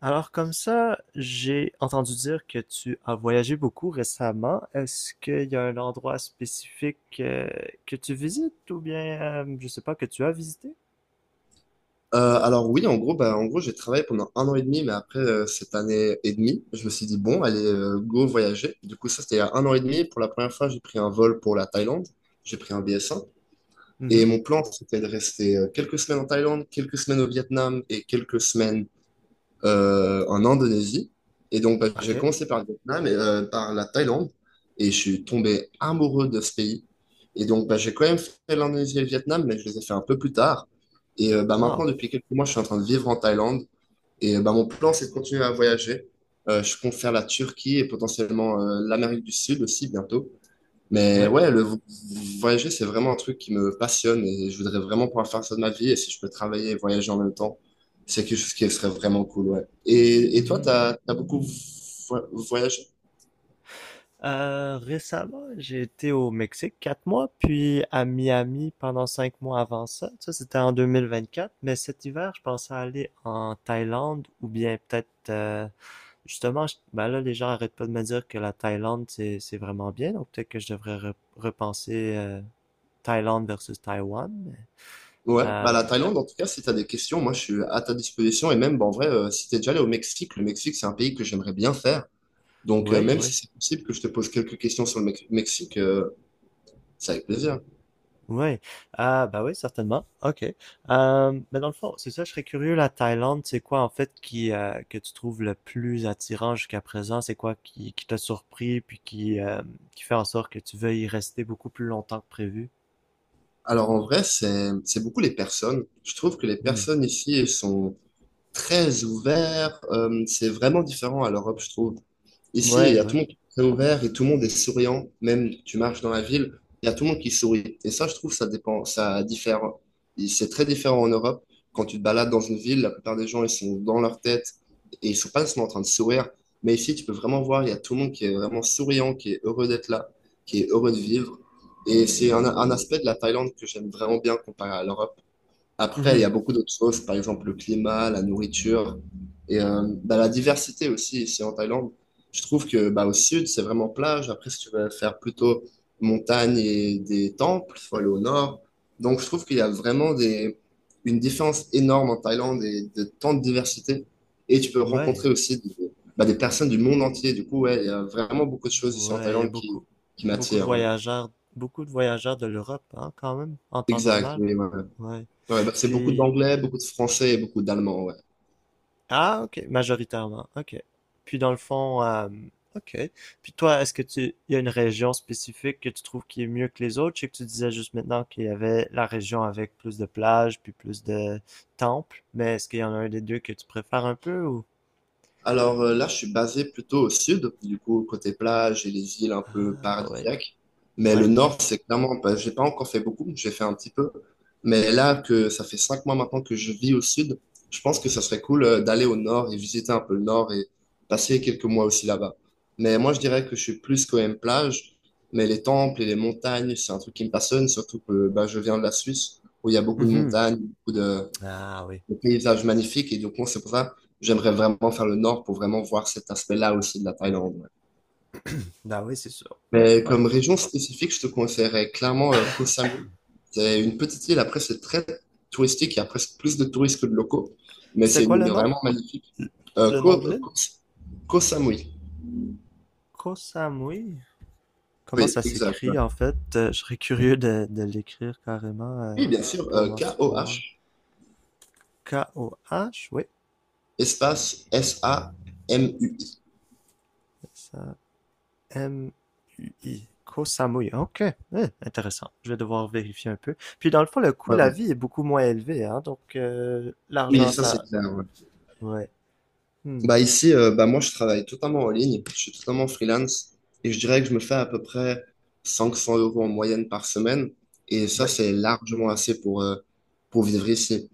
Alors comme ça, j'ai entendu dire que tu as voyagé beaucoup récemment. Est-ce qu'il y a un endroit spécifique que tu visites ou bien, je sais pas, que tu as visité? Alors oui, en gros, bah, en gros, j'ai travaillé pendant un an et demi, mais après cette année et demie, je me suis dit, bon, allez, go voyager. Du coup, ça, c'était il y a un an et demi. Pour la première fois, j'ai pris un vol pour la Thaïlande. J'ai pris un BS1. Et Mhm. mon plan, c'était de rester quelques semaines en Thaïlande, quelques semaines au Vietnam et quelques semaines en Indonésie. Et donc, bah, j'ai OK. commencé par le Vietnam et par la Thaïlande. Et je suis tombé amoureux de ce pays. Et donc, bah, j'ai quand même fait l'Indonésie et le Vietnam, mais je les ai fait un peu plus tard. Et bah, maintenant, Wow. depuis quelques mois, je suis en train de vivre en Thaïlande. Et bah, mon plan, c'est de continuer à voyager. Je compte faire la Turquie et potentiellement l'Amérique du Sud aussi bientôt. Mais Oui. ouais, le voyager, c'est vraiment un truc qui me passionne et je voudrais vraiment pouvoir faire ça de ma vie. Et si je peux travailler et voyager en même temps, c'est quelque chose qui serait vraiment cool, ouais. Et toi, t'as beaucoup voyagé? Récemment, j'ai été au Mexique 4 mois, puis à Miami pendant 5 mois avant ça. Ça, c'était en 2024. Mais cet hiver, je pensais aller en Thaïlande ou bien peut-être, justement, ben là, les gens arrêtent pas de me dire que la Thaïlande, c'est vraiment bien. Donc peut-être que je devrais repenser Thaïlande versus Taïwan. Mais, Ouais, bah Euh, la Thaïlande, en tout cas, si t'as des questions, moi, je suis à ta disposition. Et même, bah, en vrai, si t'es déjà allé au Mexique, le Mexique, c'est un pays que j'aimerais bien faire. Donc, oui, même si c'est possible que je te pose quelques questions sur le Mexique, c'est avec plaisir. ouais, ah bah oui, certainement. Ok. Mais dans le fond, c'est ça, je serais curieux, la Thaïlande, c'est quoi en fait qui que tu trouves le plus attirant jusqu'à présent? C'est quoi qui t'a surpris puis qui fait en sorte que tu veuilles y rester beaucoup plus longtemps que prévu? Alors, en vrai, c'est beaucoup les personnes. Je trouve que les Hmm. personnes ici, elles sont très ouvert. C'est vraiment différent à l'Europe, je trouve. Ici, il y Ouais, a tout ouais. le monde qui est très ouvert et tout le monde est souriant. Même tu marches dans la ville, il y a tout le monde qui sourit. Et ça, je trouve, ça dépend, ça diffère. Et c'est très différent en Europe. Quand tu te balades dans une ville, la plupart des gens, ils sont dans leur tête et ils sont pas seulement en train de sourire. Mais ici, tu peux vraiment voir, il y a tout le monde qui est vraiment souriant, qui est heureux d'être là, qui est heureux de vivre. Et c'est un aspect de la Thaïlande que j'aime vraiment bien comparé à l'Europe. Après, il y Mhm. a beaucoup d'autres choses, par exemple le climat, la nourriture et bah, la diversité aussi ici en Thaïlande. Je trouve que bah, au sud, c'est vraiment plage. Après, si tu veux faire plutôt montagne et des temples, il faut aller au nord. Donc, je trouve qu'il y a vraiment une différence énorme en Thaïlande et de tant de diversité. Et tu peux Ouais, rencontrer aussi bah, des personnes du monde entier. Du coup, ouais, il y a vraiment beaucoup de choses ici en ouais, il y a Thaïlande qui, beaucoup, qui m'attirent. Ouais. Beaucoup de voyageurs de l'Europe, hein, quand même, en temps Exact. normal. Oui, ouais. Ouais. Ouais, bah, c'est beaucoup Puis, d'anglais, beaucoup de français et beaucoup d'allemand. Ouais. ah, ok, majoritairement, ok. Puis dans le fond, ok. Puis toi, il y a une région spécifique que tu trouves qui est mieux que les autres? Je sais que tu disais juste maintenant qu'il y avait la région avec plus de plages, puis plus de temples, mais est-ce qu'il y en a un des deux que tu préfères un peu ou? Alors là, je suis basé plutôt au sud, du coup, côté plage et les îles un peu Ah, ouais, paradisiaques. Mais le ouais, ouais. nord, c'est clairement, bah, j'ai pas encore fait beaucoup, j'ai fait un petit peu. Mais là, que ça fait 5 mois maintenant que je vis au sud, je pense que ça serait cool d'aller au nord et visiter un peu le nord et passer quelques mois aussi là-bas. Mais moi, je dirais que je suis plus quand même plage, mais les temples et les montagnes, c'est un truc qui me passionne, surtout que bah, je viens de la Suisse, où il y a beaucoup de Mhm. montagnes, beaucoup de, Ah oui, le paysage magnifique. Et donc moi c'est pour ça que j'aimerais vraiment faire le nord pour vraiment voir cet aspect-là aussi de la Thaïlande. Ouais. bah oui, c'est sûr. Ouais, Mais ouais. comme région spécifique, je te conseillerais clairement Koh Samui. C'est une petite île. Après, c'est très touristique. Il y a presque plus de touristes que de locaux. Mais C'était c'est quoi une le île nom? vraiment magnifique. Le Euh, le Koh, nom de euh, l'île? Koh- Koh Samui. Koh Samui? Comment Oui, ça exact. Ouais. s'écrit en fait? Je serais curieux de l'écrire carrément Oui, bien sûr. pour m'en souvenir. Koh, Koh, oui. espace Samu. Ça, mui. Koh Samui. Ok, eh, intéressant. Je vais devoir vérifier un peu. Puis dans le fond, le coût de Ouais. la vie est beaucoup moins élevé, hein? Donc Oui, l'argent, ça, c'est ça. clair. Ouais. Ouais. Hmm. Bah ici, bah moi, je travaille totalement en ligne, je suis totalement freelance et je dirais que je me fais à peu près 500 € en moyenne par semaine et ça, Ouais. c'est largement assez pour vivre ici.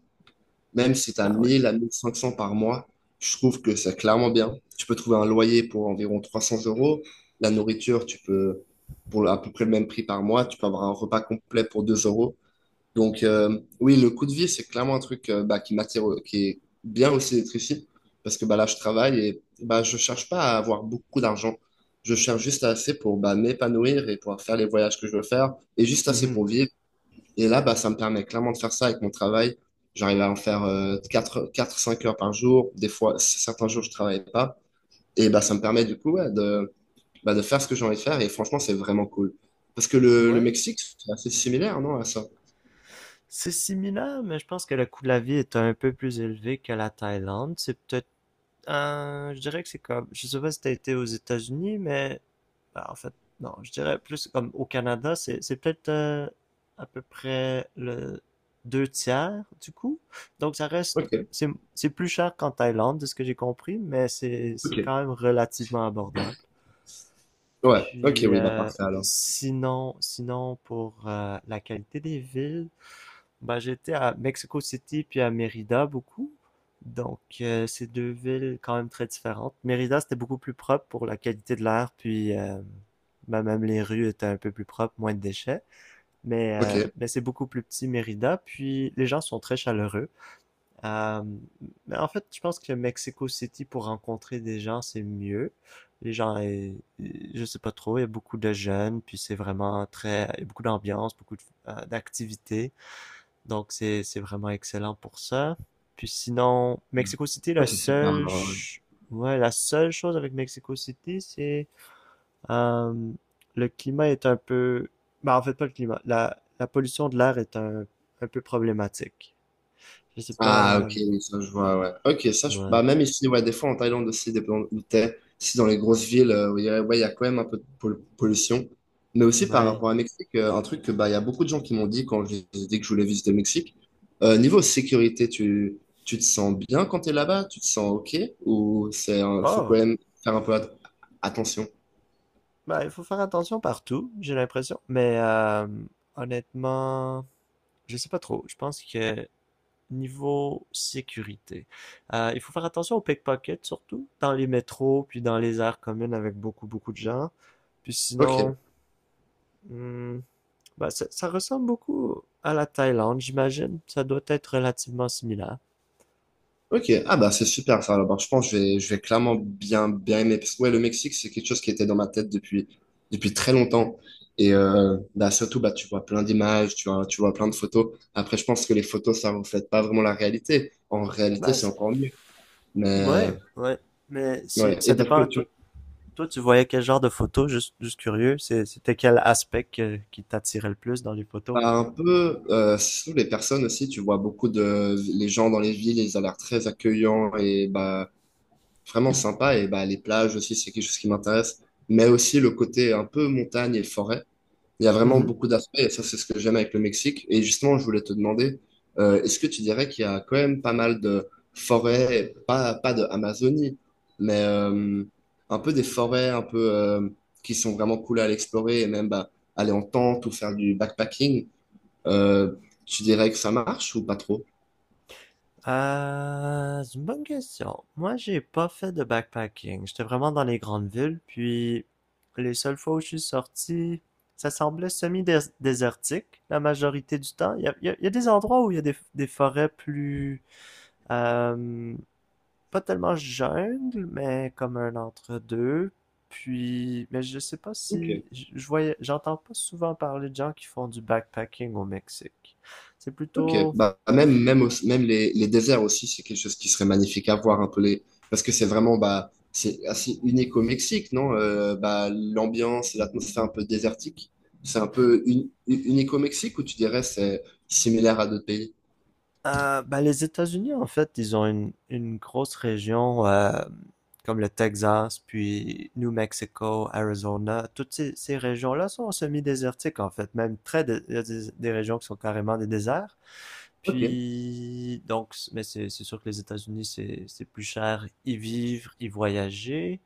Même si tu as Ah ouais. 1 000 à 1 500 par mois, je trouve que c'est clairement bien. Tu peux trouver un loyer pour environ 300 euros, la nourriture, tu peux, pour à peu près le même prix par mois, tu peux avoir un repas complet pour 2 euros. Donc, oui, le coup de vie, c'est clairement un truc bah, qui m'attire, qui est bien aussi d'être ici, parce que bah, là, je travaille et bah, je cherche pas à avoir beaucoup d'argent. Je cherche juste assez pour bah, m'épanouir et pouvoir faire les voyages que je veux faire, et juste assez Mhm. pour vivre. Et là, bah, ça me permet clairement de faire ça avec mon travail. J'arrive à en faire 4, 4, 5 heures par jour. Des fois, certains jours, je travaille pas. Et bah, ça me permet du coup ouais, bah, de faire ce que j'ai envie de faire. Et franchement, c'est vraiment cool. Parce que le Ouais. Mexique, c'est assez similaire, non, à ça? C'est similaire, mais je pense que le coût de la vie est un peu plus élevé que la Thaïlande. C'est peut-être... je dirais que c'est comme, je sais pas si t'as été aux États-Unis, mais bah, en fait, non, je dirais plus comme au Canada, c'est peut-être à peu près le deux tiers du coût. Donc ça reste, Ok, c'est plus cher qu'en Thaïlande, de ce que j'ai compris, mais c'est Ok. quand même relativement abordable. Ouais, ok, Puis oui, bah parfait alors. sinon pour la qualité des villes, bah, j'étais à Mexico City puis à Mérida beaucoup. Donc, c'est deux villes quand même très différentes. Mérida, c'était beaucoup plus propre pour la qualité de l'air, puis bah, même les rues étaient un peu plus propres, moins de déchets. Mais, Ok. euh, mais c'est beaucoup plus petit, Mérida, puis les gens sont très chaleureux. Euh, mais en fait, je pense que Mexico City, pour rencontrer des gens, c'est mieux. Les gens, je sais pas trop, il y a beaucoup de jeunes, puis c'est vraiment très, il y a beaucoup d'ambiance, beaucoup d'activités. Donc, c'est vraiment excellent pour ça. Puis sinon, Mexico City, Ça, c'est super alors, ouais. Ouais, la seule chose avec Mexico City, c'est euh, le climat est un peu, bah en fait pas le climat, la pollution de l'air est un peu problématique. Je sais Ah, pas, ok, oui, ça je vois, ouais. Ok, ouais, bah même ici, ouais, des fois en Thaïlande aussi, si dans les grosses villes, où il y a- ouais, il y a quand même un peu de pollution. Mais aussi par ouais. rapport à Mexique, un truc que bah, il y a beaucoup de gens qui m'ont dit quand je les ai dit que je voulais visiter le Mexique. Niveau sécurité, tu te sens bien quand t'es là-bas? Tu te sens ok? Ou faut quand Oh, même faire un peu attention? bah il faut faire attention partout, j'ai l'impression. Mais honnêtement, je sais pas trop. Je pense que Niveau sécurité, il faut faire attention aux pickpockets, surtout dans les métros, puis dans les aires communes avec beaucoup, beaucoup de gens. Puis Ok. sinon, hmm, bah, ça ressemble beaucoup à la Thaïlande, j'imagine. Ça doit être relativement similaire. Ok, ah bah c'est super ça. Alors, je pense que je vais clairement bien, bien aimer. Parce que ouais, le Mexique, c'est quelque chose qui était dans ma tête depuis très longtemps. Et bah, surtout, bah, tu vois plein d'images, tu vois plein de photos. Après, je pense que les photos, ça ne reflète pas vraiment la réalité. En réalité, Bah, c'est encore mieux. Mais ouais, ouais. Mais ouais, ça et parce que dépend. Toi, tu toi, tu voyais quel genre de photos juste, juste curieux. C'était quel aspect qui t'attirait le plus dans les photos? as un peu, sous les personnes aussi, tu vois beaucoup de les gens dans les villes, ils ont l'air très accueillants et bah, vraiment sympa. Et bah, les plages aussi, c'est quelque chose qui m'intéresse. Mais aussi le côté un peu montagne et forêt. Il y a vraiment Mm-hmm. beaucoup d'aspects, et ça, c'est ce que j'aime avec le Mexique. Et justement, je voulais te demander, est-ce que tu dirais qu'il y a quand même pas mal de forêts, pas de Amazonie, mais un peu des forêts un peu qui sont vraiment cool à aller explorer et même bah, aller en tente ou faire du backpacking, euh, tu dirais que ça marche ou pas trop? C'est une bonne question. Moi, j'ai pas fait de backpacking. J'étais vraiment dans les grandes villes, puis les seules fois où je suis sorti, ça semblait semi-désertique la majorité du temps. Il y a des endroits où il y a des forêts plus... euh, pas tellement jungle, mais comme un entre-deux. Puis, mais je sais pas Ok. si... Je voyais, j'entends pas souvent parler de gens qui font du backpacking au Mexique. C'est Ok, plutôt... bah même les déserts aussi, c'est quelque chose qui serait magnifique à voir un peu les parce que c'est vraiment bah c'est assez unique au Mexique, non? Bah l'ambiance, l'atmosphère un peu désertique, c'est un peu unique au Mexique ou tu dirais c'est similaire à d'autres pays? Ben, les États-Unis, en fait, ils ont une grosse région comme le Texas, puis New Mexico, Arizona. Toutes ces régions-là sont semi-désertiques, en fait. Il y a des régions qui sont carrément des déserts. Ok, Puis, donc, mais c'est sûr que les États-Unis, c'est plus cher y vivre, y voyager.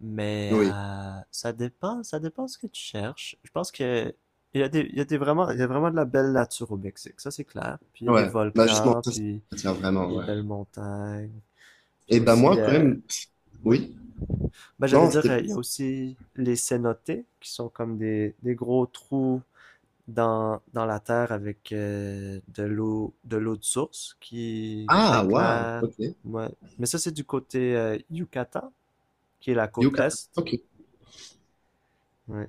Mais oui, ça dépend ce que tu cherches. Je pense que il y a vraiment de la belle nature au Mexique, ça c'est clair. Puis il y a des ouais, bah justement volcans, ça ça puis m'attire vraiment, des ouais. belles montagnes, puis Et bah aussi, moi quand même, oui. oui, Ben j'allais non dire, c'était il y a plus aussi les cénotes qui sont comme des gros trous dans la terre avec de l'eau de source qui est ah très waouh, claire. ok, Ouais. Mais ça c'est du côté Yucatan, qui est la côte Yucatan, est. ok, Ouais.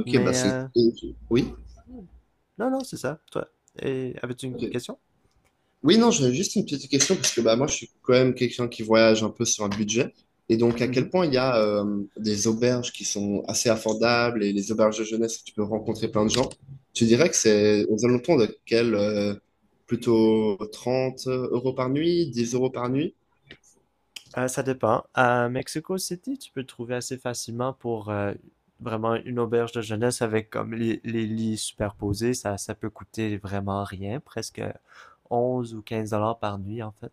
ok bah Mais c'est oui, non, non, c'est ça, toi. Et avais-tu une ok. question? Oui, non, j'avais juste une petite question parce que bah, moi, je suis quand même quelqu'un qui voyage un peu sur un budget. Et donc, à quel Mhm. point il y a des auberges qui sont assez affordables et les auberges de jeunesse où tu peux rencontrer plein de gens, tu dirais que c'est aux alentours de quel plutôt 30 € par nuit, 10 € par nuit? Ça dépend. À Mexico City, tu peux trouver assez facilement pour vraiment une auberge de jeunesse avec comme les lits superposés. Ça peut coûter vraiment rien, presque 11 ou 15 dollars par nuit en fait.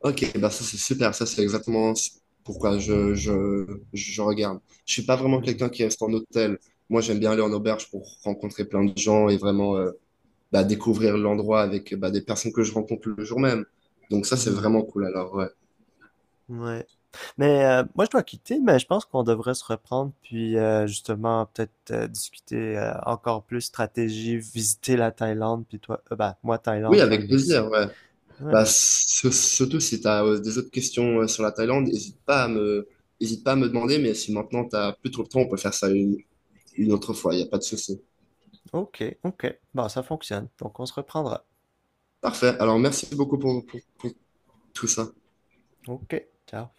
Ok, bah ça c'est super, ça c'est exactement pourquoi je regarde. Je suis pas vraiment Hmm. quelqu'un qui reste en hôtel. Moi, j'aime bien aller en auberge pour rencontrer plein de gens et vraiment bah, découvrir l'endroit avec bah, des personnes que je rencontre le jour même. Donc ça, c'est Mhm. vraiment cool alors, ouais. Ouais. Mais moi, je dois quitter, mais je pense qu'on devrait se reprendre, puis justement, peut-être discuter encore plus stratégie, visiter la Thaïlande, puis toi, bah, moi, Oui, Thaïlande, toi, le avec plaisir, Mexique. ouais. Ouais. Bah, surtout si tu as des autres questions sur la Thaïlande, n'hésite pas à me, hésite pas à me demander, mais si maintenant tu n'as plus trop le temps, on peut faire ça une autre fois, il n'y a pas de souci. Ok, ok. Bah, ça fonctionne. Donc, on se reprendra. Parfait, alors merci beaucoup pour tout ça. Ok, ciao.